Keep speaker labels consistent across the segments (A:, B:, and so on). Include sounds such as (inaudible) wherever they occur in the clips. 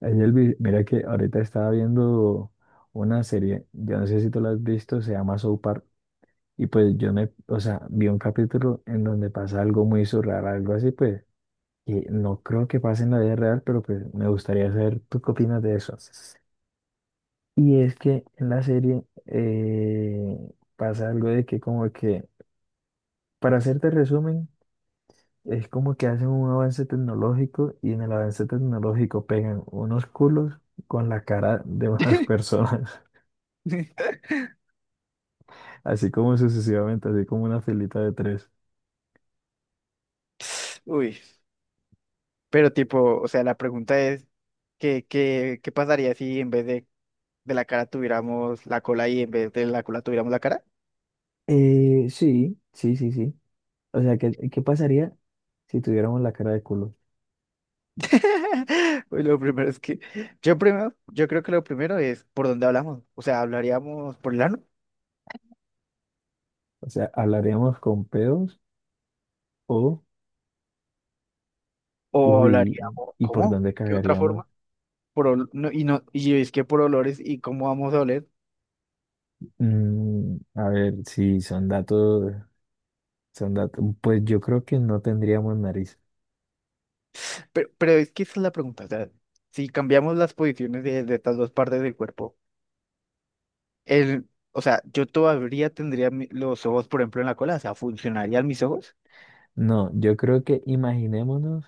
A: Ey, Elvis, mira que ahorita estaba viendo una serie, yo no sé si tú la has visto, se llama South Park. Y pues o sea, vi un capítulo en donde pasa algo muy surreal, algo así, pues, que no creo que pase en la vida real, pero pues me gustaría saber tú qué opinas de eso. Y es que en la serie pasa algo de que como que, para hacerte resumen, es como que hacen un avance tecnológico y en el avance tecnológico pegan unos culos con la cara de (laughs) unas
B: (laughs)
A: personas. Así como sucesivamente, así como una filita de tres.
B: Uy, pero tipo, o sea, la pregunta es, ¿Qué pasaría si en vez de la cara tuviéramos la cola y en vez de la cola tuviéramos la cara?
A: Sí, sí, sí, sí. O sea, ¿qué, qué pasaría si tuviéramos la cara de culo?
B: (laughs) Uy, lo primero es que, yo creo que lo primero es por dónde hablamos, o sea, ¿hablaríamos por el ano?
A: O sea, ¿hablaríamos con pedos o,
B: ¿O
A: uy,
B: hablaríamos,
A: ¿y por
B: cómo?
A: dónde
B: ¿Qué otra
A: cagaríamos?
B: forma? No, y no, y es que por olores y cómo vamos a oler.
A: A ver, si son datos, son datos, pues yo creo que no tendríamos nariz.
B: Pero es que esa es la pregunta, o sea, si cambiamos las posiciones de estas dos partes del cuerpo. El, o sea, yo todavía tendría los ojos, por ejemplo, en la cola, o sea, ¿funcionarían mis ojos?
A: No, yo creo que imaginémonos,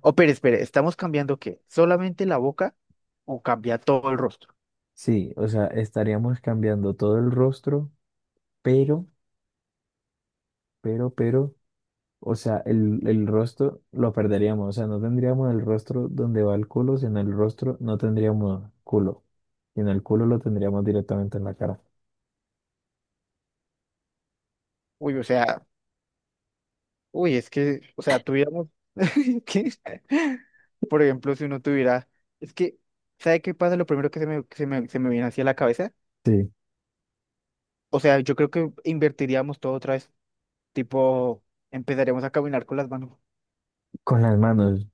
B: Oh, pero espere, ¿estamos cambiando qué? ¿Solamente la boca o cambia todo el rostro?
A: sí, o sea, estaríamos cambiando todo el rostro, pero, pero. O sea, el rostro lo perderíamos. O sea, no tendríamos el rostro donde va el culo, sino el rostro no tendríamos culo. Sino el culo lo tendríamos directamente en la cara.
B: Uy, o sea, uy, es que, o sea, tuviéramos, (laughs) ¿qué? Por ejemplo, si uno tuviera, es que, ¿sabe qué pasa? Lo primero que se me viene hacia la cabeza,
A: Sí,
B: o sea, yo creo que invertiríamos todo otra vez, tipo, empezaríamos a caminar con las manos.
A: con las manos.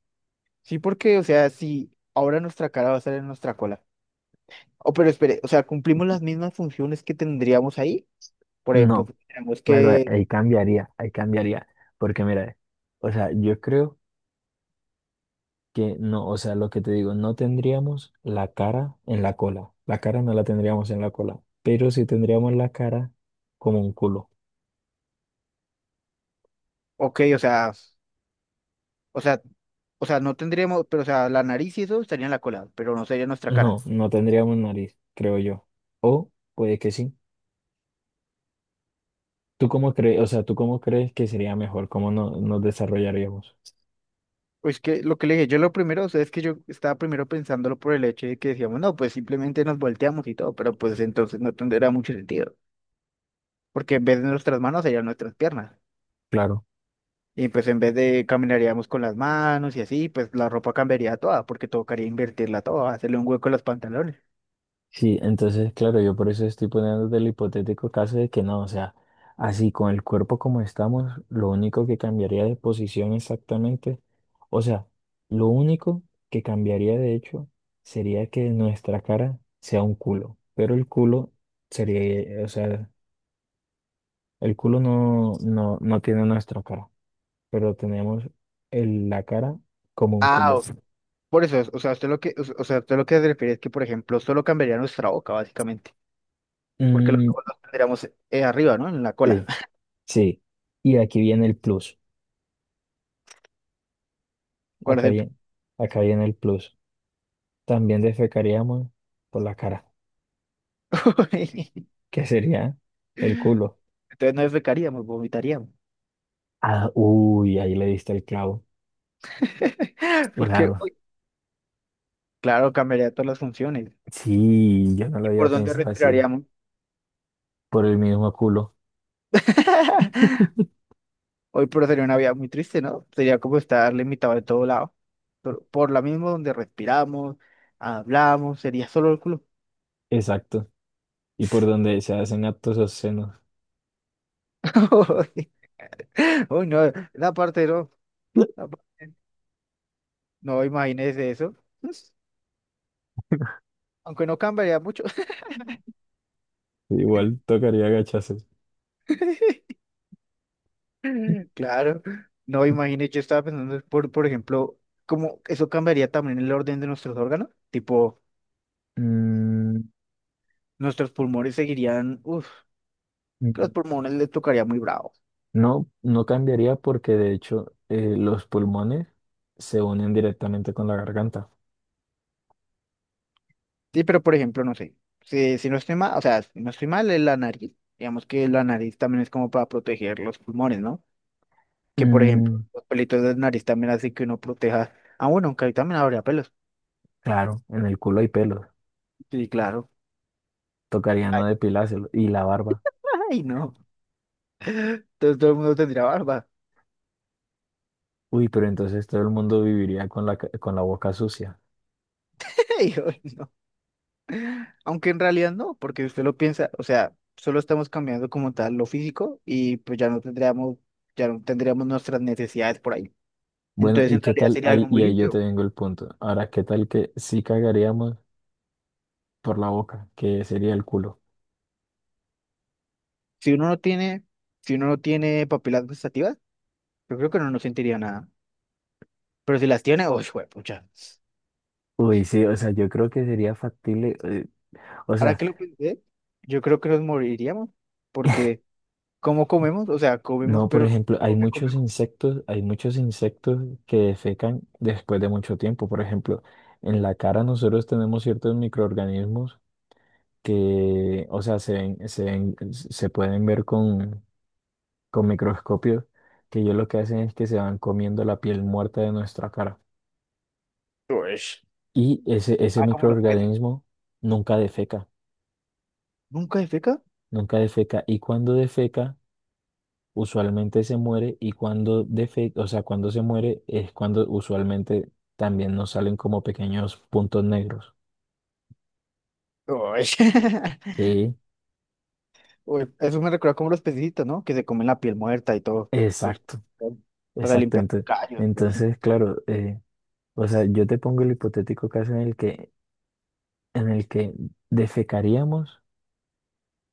B: Sí, porque, o sea, si ahora nuestra cara va a estar en nuestra cola. Oh, pero espere, o sea, cumplimos las mismas funciones que tendríamos ahí. Por ejemplo,
A: No,
B: tenemos
A: claro, ahí
B: que,
A: ahí cambiaría, ahí cambiaría. Porque mira, o sea, yo creo que no, o sea, lo que te digo, no tendríamos la cara en la cola. La cara no la tendríamos en la cola, pero sí tendríamos la cara como un culo.
B: ok, o sea, o sea, o sea, no tendríamos, pero o sea, la nariz y eso estaría en la cola, pero no sería nuestra
A: No,
B: cara.
A: no tendríamos nariz, creo yo. O puede que sí. ¿Tú cómo crees, o sea, tú cómo crees que sería mejor? ¿Cómo no, nos desarrollaríamos?
B: Pues que lo que le dije, yo lo primero, o sea, es que yo estaba primero pensándolo por el hecho de que decíamos, no, pues simplemente nos volteamos y todo, pero pues entonces no tendría mucho sentido, porque en vez de nuestras manos serían nuestras piernas.
A: Claro.
B: Y pues en vez de caminaríamos con las manos y así, pues la ropa cambiaría toda, porque tocaría invertirla toda, hacerle un hueco a los pantalones.
A: Sí, entonces, claro, yo por eso estoy poniendo del hipotético caso de que no, o sea, así con el cuerpo como estamos, lo único que cambiaría de posición exactamente, o sea, lo único que cambiaría de hecho sería que nuestra cara sea un culo, pero el culo sería, o sea, el culo no tiene nuestra cara, pero tenemos la cara como un culo.
B: Ah, por eso, o sea, usted lo que, o sea, usted lo que se refiere es que, por ejemplo, solo cambiaría nuestra boca, básicamente, porque los
A: Mm,
B: ojos los tendríamos arriba, ¿no? En la cola.
A: sí,
B: (laughs)
A: sí. Y aquí viene el plus.
B: ¿Cuál es
A: Acá
B: el punto?
A: viene, acá viene el plus. También defecaríamos por la cara,
B: (laughs)
A: (laughs) que sería el culo.
B: Entonces no defecaríamos, vomitaríamos.
A: Ah, uy, ahí le diste el clavo.
B: (laughs) Porque,
A: Claro.
B: uy, claro, cambiaría todas las funciones.
A: Sí, yo no lo
B: ¿Y
A: había
B: por dónde
A: pensado así.
B: respiraríamos?
A: Por el mismo culo.
B: (laughs) Hoy por sería una vida muy triste, ¿no? Sería como estar limitado de todo lado. Por la misma donde respiramos, hablamos, sería solo el culo.
A: Exacto. Y por donde se hacen actos obscenos.
B: (laughs) Uy, no, la parte no.
A: (laughs)
B: Esa parte no, imagínese eso. (laughs) Aunque no cambiaría mucho.
A: Igual tocaría agacharse.
B: (laughs) Claro. No,
A: (laughs)
B: imagínese, yo estaba pensando, por ejemplo, cómo eso cambiaría también el orden de nuestros órganos. Tipo,
A: Mm,
B: nuestros pulmones seguirían, uff, los
A: mm,
B: pulmones les tocaría muy bravo.
A: no, no cambiaría porque de hecho los pulmones se unen directamente con la garganta.
B: Sí, pero por ejemplo, no sé, si no estoy mal, o sea, si no estoy mal, es la nariz. Digamos que la nariz también es como para proteger los pulmones, ¿no? Que por ejemplo,
A: Mm,
B: los pelitos de la nariz también hacen que uno proteja. Ah, bueno, aunque ahí también habría pelos.
A: claro, en el culo hay pelos.
B: Sí, claro.
A: Tocaría no
B: Ay,
A: depilárselo. Y la barba.
B: (laughs) ay, no. Entonces todo el mundo tendría barba.
A: Uy, pero entonces todo el mundo viviría con la, con la boca sucia.
B: (laughs) Y yo, no. Aunque en realidad no, porque usted lo piensa, o sea, solo estamos cambiando como tal lo físico y pues ya no tendríamos nuestras necesidades por ahí.
A: Bueno,
B: Entonces
A: ¿y
B: en
A: qué
B: realidad
A: tal?
B: sería algo
A: Ahí,
B: claro, muy
A: y ahí
B: libre.
A: yo te vengo el punto. Ahora, ¿qué tal que sí cagaríamos por la boca, que sería el culo?
B: Si uno no tiene, si uno no tiene papilas gustativas, yo creo que no, nos sentiría nada. Pero si las tiene, oh, pucha.
A: Uy, sí, o sea, yo creo que sería factible. O
B: Ahora
A: sea,
B: que lo pensé, yo creo que nos moriríamos, porque ¿cómo comemos? O sea, comemos,
A: no, por
B: pero lo
A: ejemplo, hay
B: poco que
A: muchos
B: comemos.
A: insectos, hay muchos insectos que defecan después de mucho tiempo. Por ejemplo, en la cara nosotros tenemos ciertos microorganismos que, o sea, se pueden ver con microscopios, que ellos lo que hacen es que se van comiendo la piel muerta de nuestra cara.
B: Ush.
A: Y ese
B: Ah, como los peces.
A: microorganismo nunca defeca,
B: ¿Nunca defeca?
A: nunca defeca. Y cuando defeca, usualmente se muere. Y cuando defeca, o sea, cuando se muere es cuando usualmente también nos salen como pequeños puntos negros.
B: Ush. (laughs)
A: Sí,
B: Uy, eso me recuerda como los pececitos, ¿no? Que se comen la piel muerta y todo. Pues,
A: exacto,
B: para
A: exacto.
B: limpiar callos y así.
A: Entonces, claro, o sea, yo te pongo el hipotético caso en el que defecaríamos,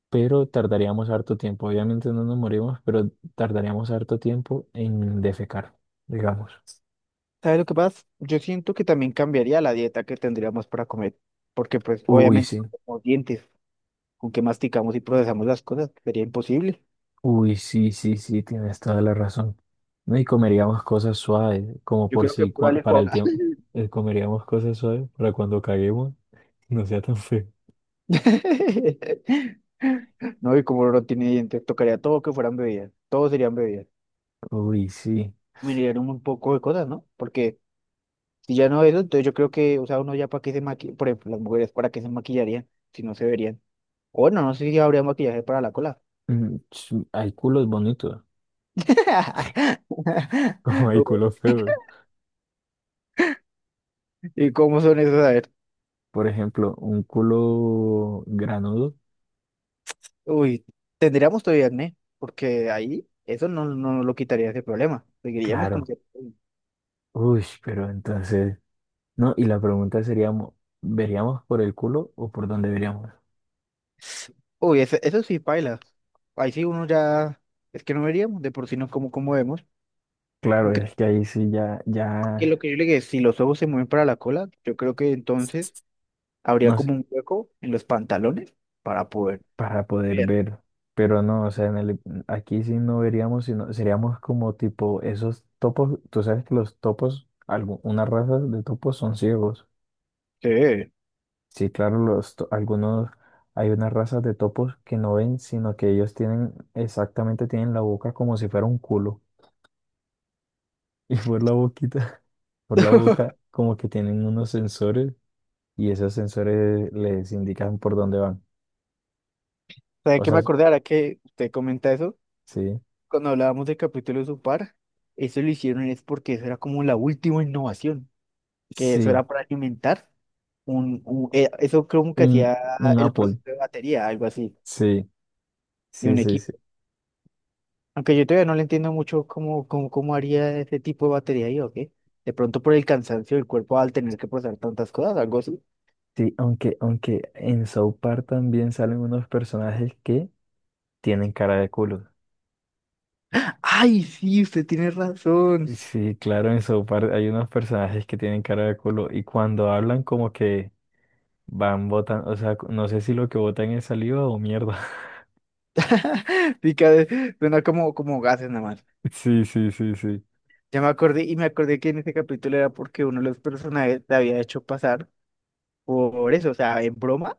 A: pero tardaríamos harto tiempo. Obviamente no nos morimos, pero tardaríamos harto tiempo en defecar, digamos.
B: ¿Sabes lo que pasa? Yo siento que también cambiaría la dieta que tendríamos para comer. Porque, pues,
A: Uy,
B: obviamente,
A: sí,
B: como dientes, con que masticamos y procesamos las cosas, sería imposible.
A: uy, sí, sí, sí, tienes toda la razón. No, y comeríamos cosas suaves, como
B: Yo
A: por
B: creo que
A: si
B: pura
A: para el
B: licuadora.
A: tiempo, comeríamos cosas suaves para cuando caguemos, (laughs) no sea tan feo.
B: (laughs) No, y como no tiene dientes, tocaría todo que fueran bebidas. Todo serían bebidas.
A: Uy, sí.
B: Mirarían un poco de cosas, ¿no? Porque si ya no eso, entonces yo creo que, o sea, uno ya para qué se maquilla, por ejemplo, las mujeres para qué se maquillarían si no se verían. O bueno, no sé si habría maquillaje para la cola.
A: Hay culos bonitos,
B: (laughs)
A: (laughs) como hay culos feos.
B: ¿Y cómo son esos? A ver,
A: Por ejemplo, un culo granudo,
B: uy, tendríamos todavía acné, porque ahí eso no, no nos lo quitaría ese problema. Seguiríamos con
A: claro.
B: cierto problema.
A: Uy, pero entonces, no, y la pregunta sería, ¿veríamos por el culo o por dónde veríamos?
B: Uy, eso sí, paila. Ahí sí uno ya, es que no veríamos, de por sí no como, como vemos.
A: Claro,
B: Creo
A: es que ahí sí ya,
B: que lo
A: ya,
B: que yo le dije, si los ojos se mueven para la cola, yo creo que entonces habría
A: no sé,
B: como un hueco en los pantalones para poder
A: para poder
B: ver.
A: ver, pero no, o sea, en el, aquí sí no veríamos, sino seríamos como tipo esos topos, tú sabes que los topos, unas razas de topos son ciegos.
B: Sí.
A: Sí, claro, los, algunos, hay unas razas de topos que no ven, sino que ellos tienen, exactamente tienen la boca como si fuera un culo. (laughs) Y por la boquita, por la
B: (laughs)
A: boca, como que tienen unos sensores y esos sensores les indican por dónde van.
B: ¿Sabe
A: O
B: qué
A: sea,
B: me acordé ahora que usted comenta eso?
A: sí,
B: Cuando hablábamos del capítulo de Supar, eso lo hicieron es porque eso era como la última innovación, que eso
A: sí,
B: era para alimentar un, eso creo que
A: un,
B: hacía
A: un
B: el
A: Apple,
B: proceso de batería, algo así,
A: sí,
B: de
A: sí,
B: un
A: sí, sí.
B: equipo. Aunque yo todavía no le entiendo mucho cómo, cómo haría ese tipo de batería yo, ¿qué? De pronto por el cansancio del cuerpo al tener que procesar tantas cosas, algo así.
A: Sí, aunque, aunque en South Park también salen unos personajes que tienen cara de culo.
B: Ay, sí, usted tiene razón.
A: Sí, claro, en South Park hay unos personajes que tienen cara de culo y cuando hablan como que van botan, o sea, no sé si lo que botan es saliva o mierda. (laughs)
B: (laughs) Suena como, como gases nada más.
A: Sí, sí, sí, sí.
B: Ya me acordé y me acordé que en ese capítulo era porque uno de los personajes te había hecho pasar por eso, o sea, en broma,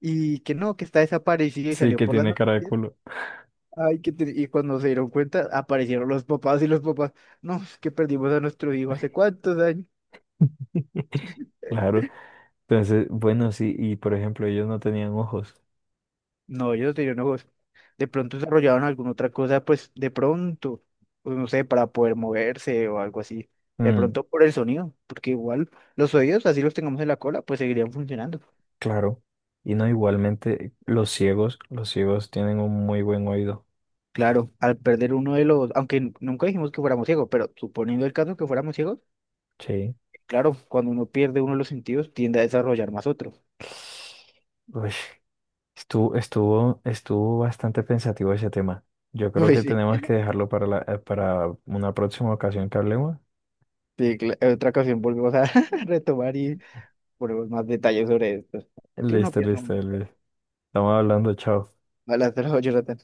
B: y que no, que está desaparecido y
A: Sí,
B: salió
A: que
B: por las
A: tiene cara de
B: noticias.
A: culo.
B: Ay, y cuando se dieron cuenta, aparecieron los papás y los papás, no, es que perdimos a nuestro hijo hace cuántos años.
A: (laughs) Claro. Entonces, bueno, sí, y por ejemplo, ellos no tenían ojos.
B: No, ellos tenían ojos. De pronto desarrollaban alguna otra cosa, pues de pronto, pues, no sé, para poder moverse o algo así. De
A: Mm,
B: pronto por el sonido, porque igual los oídos, así los tengamos en la cola, pues seguirían funcionando.
A: claro. Y no, igualmente, los ciegos tienen un muy buen oído.
B: Claro, al perder uno de los, nunca dijimos que fuéramos ciegos, pero suponiendo el caso que fuéramos ciegos,
A: Sí.
B: claro, cuando uno pierde uno de los sentidos, tiende a desarrollar más otro.
A: Uy, estuvo bastante pensativo ese tema. Yo
B: (laughs)
A: creo
B: Uy,
A: que
B: sí,
A: tenemos que dejarlo para la, para una próxima ocasión que hablemos.
B: sí, en otra ocasión volvemos a (laughs) retomar y ponemos más detalles sobre esto. ¿Qué uno
A: Listo,
B: piensa?
A: listo, Elvis. Estamos hablando, chao.
B: Hola, Jonathan.